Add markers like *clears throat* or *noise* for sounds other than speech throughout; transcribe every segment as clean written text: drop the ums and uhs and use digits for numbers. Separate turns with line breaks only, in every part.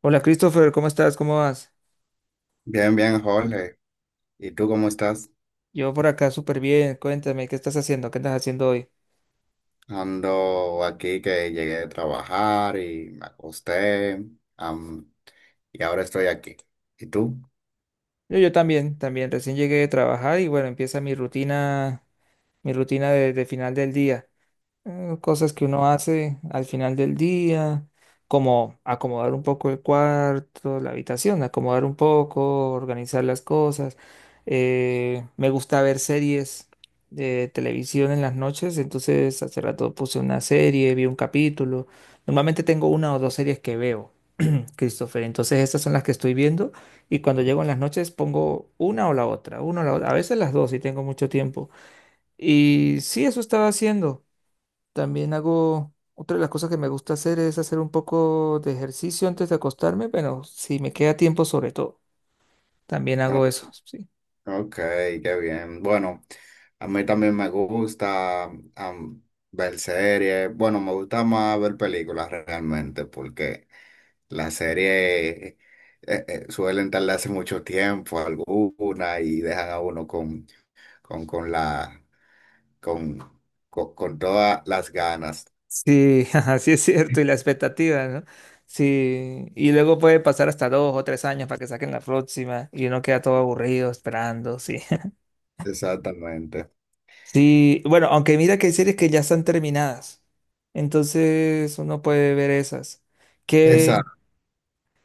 Hola Christopher, ¿cómo estás? ¿Cómo vas?
Bien, bien, Jorge. ¿Y tú cómo estás?
Yo por acá súper bien. Cuéntame, ¿qué estás haciendo? ¿Qué estás haciendo hoy?
Ando aquí que llegué de trabajar y me acosté, am, y ahora estoy aquí. ¿Y tú?
Yo también, también. Recién llegué de trabajar y bueno, empieza mi rutina de final del día, cosas que uno hace al final del día, como acomodar un poco el cuarto, la habitación, acomodar un poco, organizar las cosas. Me gusta ver series de televisión en las noches, entonces hace rato puse una serie, vi un capítulo. Normalmente tengo una o dos series que veo, Christopher, entonces estas son las que estoy viendo, y cuando llego en las noches pongo una o la otra, una o la otra, a veces las dos si tengo mucho tiempo. Y sí, eso estaba haciendo. También hago, otra de las cosas que me gusta hacer es hacer un poco de ejercicio antes de acostarme, pero si me queda tiempo sobre todo, también
No.
hago eso, sí.
Ok, qué bien. Bueno, a mí también me gusta am, ver series. Bueno, me gusta más ver películas realmente porque las series suelen tardarse mucho tiempo alguna y dejan a uno con la... con, co- con todas las ganas.
Sí, *laughs* ajá, sí es cierto, y la expectativa, ¿no? Sí, y luego puede pasar hasta dos o tres años para que saquen la próxima y uno queda todo aburrido esperando, sí. *laughs*
Exactamente.
Sí, bueno, aunque mira que hay series que ya están terminadas, entonces uno puede ver esas. Qué...
Exacto.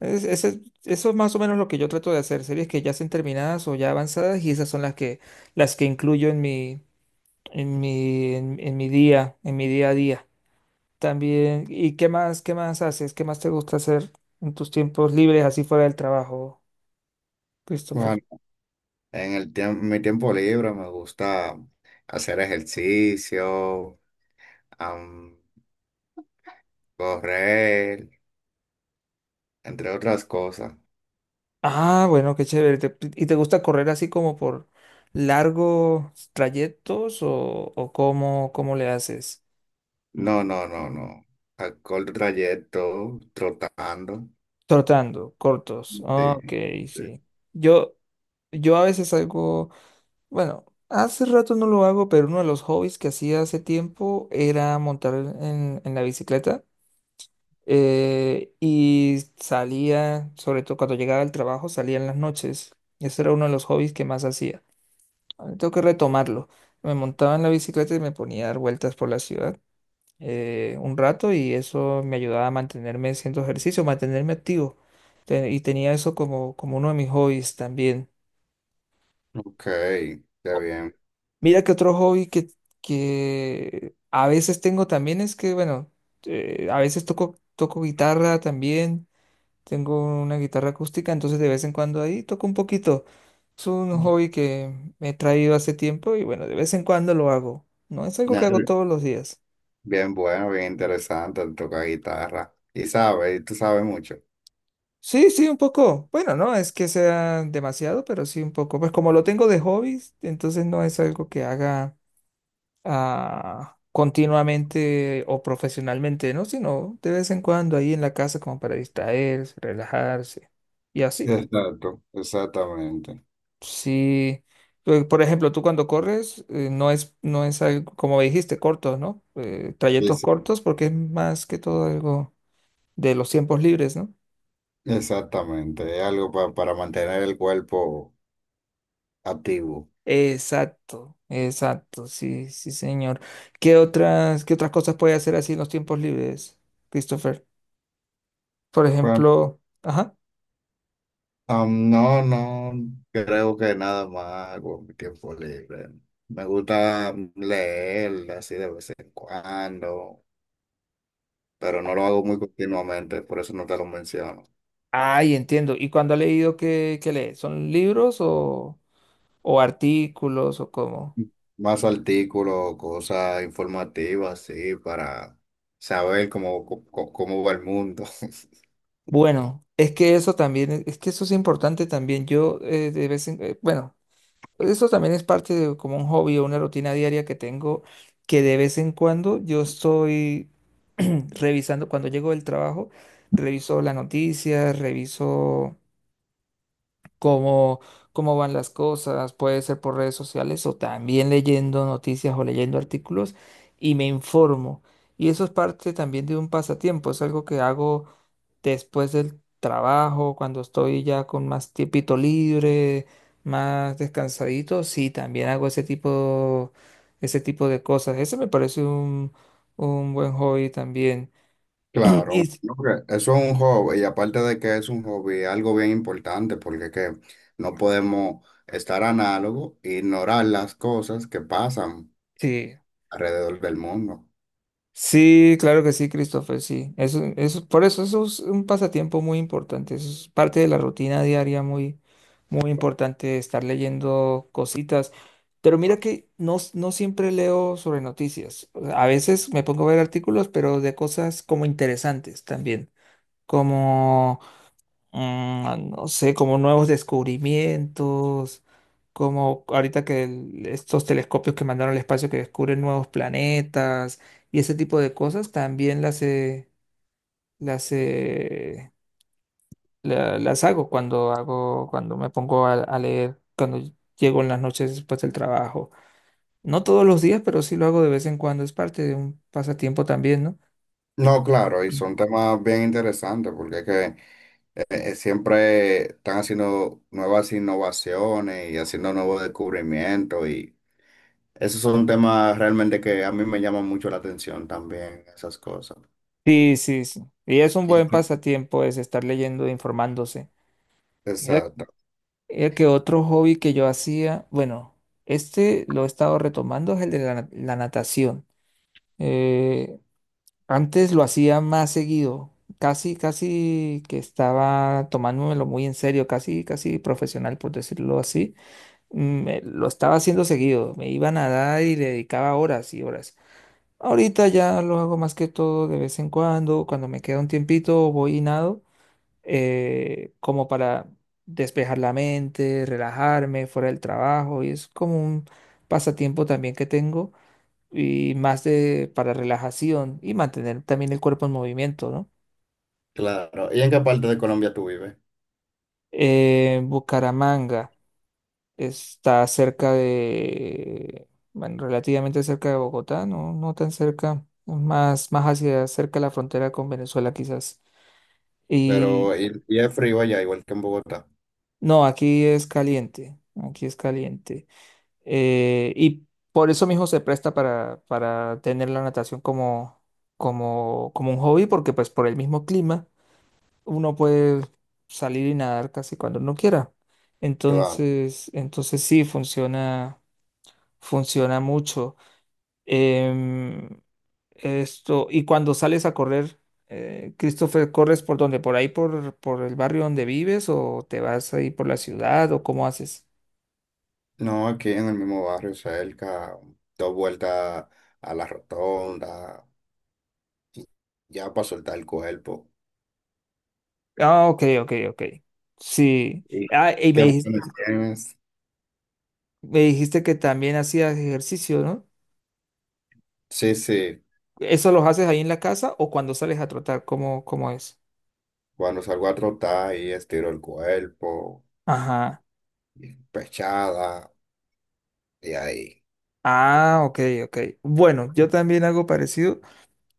Eso es más o menos lo que yo trato de hacer, series que ya estén terminadas o ya avanzadas, y esas son las que incluyo en mi, en mi, en mi día a día. También, ¿y qué más haces? ¿Qué más te gusta hacer en tus tiempos libres así fuera del trabajo,
Bueno,
Christopher?
en el mi tiempo libre me gusta hacer ejercicio, am, correr, entre otras cosas.
Ah, bueno, qué chévere. ¿Y te gusta correr así como por largos trayectos o cómo, cómo le haces?
No, no, no, no. A corto trayecto, trotando.
Trotando, cortos. Ok,
Sí. Sí.
sí. Yo, yo a veces salgo. Bueno, hace rato no lo hago, pero uno de los hobbies que hacía hace tiempo era montar en la bicicleta. Y salía, sobre todo cuando llegaba del trabajo, salía en las noches. Ese era uno de los hobbies que más hacía. Ahora tengo que retomarlo. Me montaba en la bicicleta y me ponía a dar vueltas por la ciudad un rato, y eso me ayudaba a mantenerme haciendo ejercicio, mantenerme activo. Y tenía eso como, como uno de mis hobbies también.
Ok, qué bien.
Mira que otro hobby que a veces tengo también es que, bueno, a veces toco, toco guitarra también, tengo una guitarra acústica, entonces de vez en cuando ahí toco un poquito. Es un hobby que me he traído hace tiempo y bueno, de vez en cuando lo hago. No es algo
Ya,
que hago
bien,
todos los días.
bien, bueno, bien interesante, toca guitarra. Y sabe y tú sabes mucho.
Sí, sí, un poco. Bueno, no es que sea demasiado, pero sí un poco. Pues como lo tengo de hobby, entonces no es algo que haga continuamente o profesionalmente, ¿no? Sino de vez en cuando ahí en la casa como para distraerse, relajarse y así.
Exacto, exactamente.
Sí, por ejemplo, tú cuando corres no es, no es algo, como dijiste, cortos, ¿no?
Sí,
Trayectos
sí.
cortos porque es más que todo algo de los tiempos libres, ¿no?
Exactamente, es algo para mantener el cuerpo activo.
Exacto, exacto, sí, sí, señor. Qué otras cosas puede hacer así en los tiempos libres, Christopher? Por
Bueno,
ejemplo, ajá.
no, no, creo que nada más con mi tiempo libre. Me gusta leer así de vez en cuando, pero no lo hago muy continuamente, por eso no te lo menciono.
Ay, entiendo. ¿Y cuando ha leído qué, qué lee? ¿Son libros o artículos o cómo?
Más artículos, cosas informativas, sí, para saber cómo va el mundo. *laughs*
Bueno, es que eso también, es que eso es importante también. Yo de vez en, bueno, eso también es parte de como un hobby o una rutina diaria que tengo, que de vez en cuando yo estoy *clears throat* revisando, cuando llego del trabajo, reviso las noticias, reviso cómo, cómo van las cosas, puede ser por redes sociales o también leyendo noticias o leyendo artículos, y me informo. Y eso es parte también de un pasatiempo, es algo que hago después del trabajo, cuando estoy ya con más tiempito libre, más descansadito, sí, también hago ese tipo de cosas. Ese me parece un buen hobby también. *clears throat*
Claro,
Y
no, que eso es un hobby y aparte de que es un hobby, algo bien importante porque que no podemos estar análogo e ignorar las cosas que pasan
sí.
alrededor del mundo.
Sí, claro que sí, Christopher, sí. Eso, por eso eso es un pasatiempo muy importante. Eso es parte de la rutina diaria muy, muy importante, estar leyendo cositas. Pero mira que no, no siempre leo sobre noticias. O sea, a veces me pongo a ver artículos, pero de cosas como interesantes también. Mm, ah, no sé, como nuevos descubrimientos, como ahorita que estos telescopios que mandaron al espacio que descubren nuevos planetas y ese tipo de cosas también las las hago cuando me pongo a leer cuando llego en las noches después del trabajo. No todos los días, pero sí lo hago de vez en cuando, es parte de un pasatiempo también, ¿no?
No, claro, y son temas bien interesantes porque que siempre están haciendo nuevas innovaciones y haciendo nuevos descubrimientos y esos son temas realmente que a mí me llaman mucho la atención también, esas cosas.
Sí, sí, sí. Y es un
¿Y en
buen
qué-
pasatiempo es estar leyendo e informándose.
Exacto,
Que otro hobby que yo hacía, bueno, este lo he estado retomando, es el de la, la natación. Eh, Antes lo hacía más seguido, casi, casi que estaba tomándomelo muy en serio, casi, casi profesional, por decirlo así. Lo estaba haciendo seguido, me iba a nadar y le dedicaba horas y horas. Ahorita ya lo hago más que todo de vez en cuando, cuando me queda un tiempito voy y nado como para despejar la mente, relajarme fuera del trabajo, y es como un pasatiempo también que tengo y más de para relajación y mantener también el cuerpo en movimiento, ¿no?
claro. ¿Y en qué parte de Colombia tú vives?
Bucaramanga está cerca de, bueno, relativamente cerca de Bogotá, no, no tan cerca, más, más hacia cerca de la frontera con Venezuela quizás. Y
Pero, y es frío allá, igual que en Bogotá.
no, aquí es caliente, aquí es caliente. Y por eso mismo se presta para tener la natación como, como, como un hobby, porque pues por el mismo clima uno puede salir y nadar casi cuando uno quiera.
Claro.
Entonces, entonces sí, funciona, funciona mucho. Em, Esto, y cuando sales a correr, Christopher, ¿corres por dónde? ¿Por ahí por el barrio donde vives o te vas ahí por la ciudad o cómo haces?
No, aquí en el mismo barrio, cerca, dos vueltas a la rotonda, y ya para soltar el cuerpo.
Ah, ok, ok, ok. Sí.
Sí.
Ah, y me,
¿Qué planes tienes?
me dijiste que también hacías ejercicio, ¿no?
Sí, sí,
¿Eso los haces ahí en la casa o cuando sales a trotar? ¿Cómo, cómo es?
cuando salgo a trotar y estiro el cuerpo,
Ajá.
y pechada, y ahí.
Ah, ok, ok. Bueno, yo también hago parecido.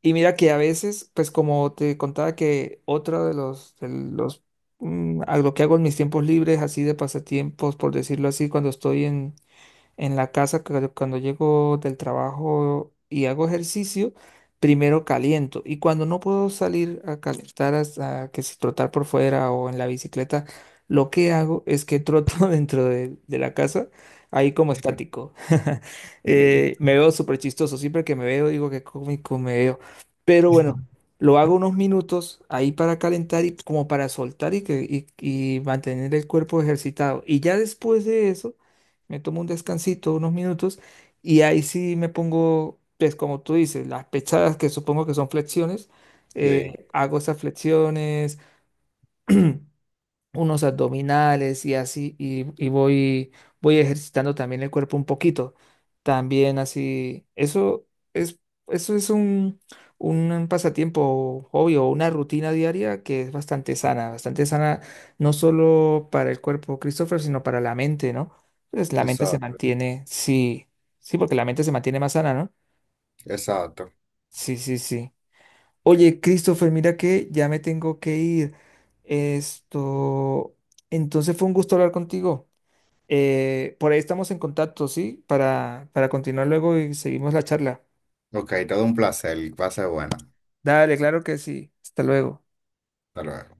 Y mira que a veces, pues como te contaba que otro de los, mm, a lo que hago en mis tiempos libres, así de pasatiempos, por decirlo así, cuando estoy en la casa, cuando llego del trabajo y hago ejercicio, primero caliento. Y cuando no puedo salir a calentar, hasta que si trotar por fuera o en la bicicleta, lo que hago es que troto *laughs* dentro de la casa, ahí como estático. *laughs*
*laughs*
Me veo súper chistoso. Siempre que me veo, digo que cómico me veo. Pero bueno. Lo hago unos minutos ahí para calentar y como para soltar y, que, y mantener el cuerpo ejercitado. Y ya después de eso, me tomo un descansito, unos minutos, y ahí sí me pongo, pues como tú dices, las pechadas que supongo que son flexiones,
Sí,
hago esas flexiones, *clears throat* unos abdominales y así, y voy, voy ejercitando también el cuerpo un poquito. También así, es, eso es un pasatiempo, obvio una rutina diaria que es bastante sana no solo para el cuerpo, Christopher, sino para la mente, ¿no? Pues la mente se
exacto,
mantiene, sí, sí, porque la mente se mantiene más sana, ¿no?
exacto.
Sí, sí, sí. Oye, Christopher, mira que ya me tengo que ir. Esto, entonces fue un gusto hablar contigo. Por ahí estamos en contacto, ¿sí? Para continuar luego y seguimos la charla.
Ok, todo un placer, va a ser buena.
Dale, claro que sí. Hasta luego.
Hasta luego.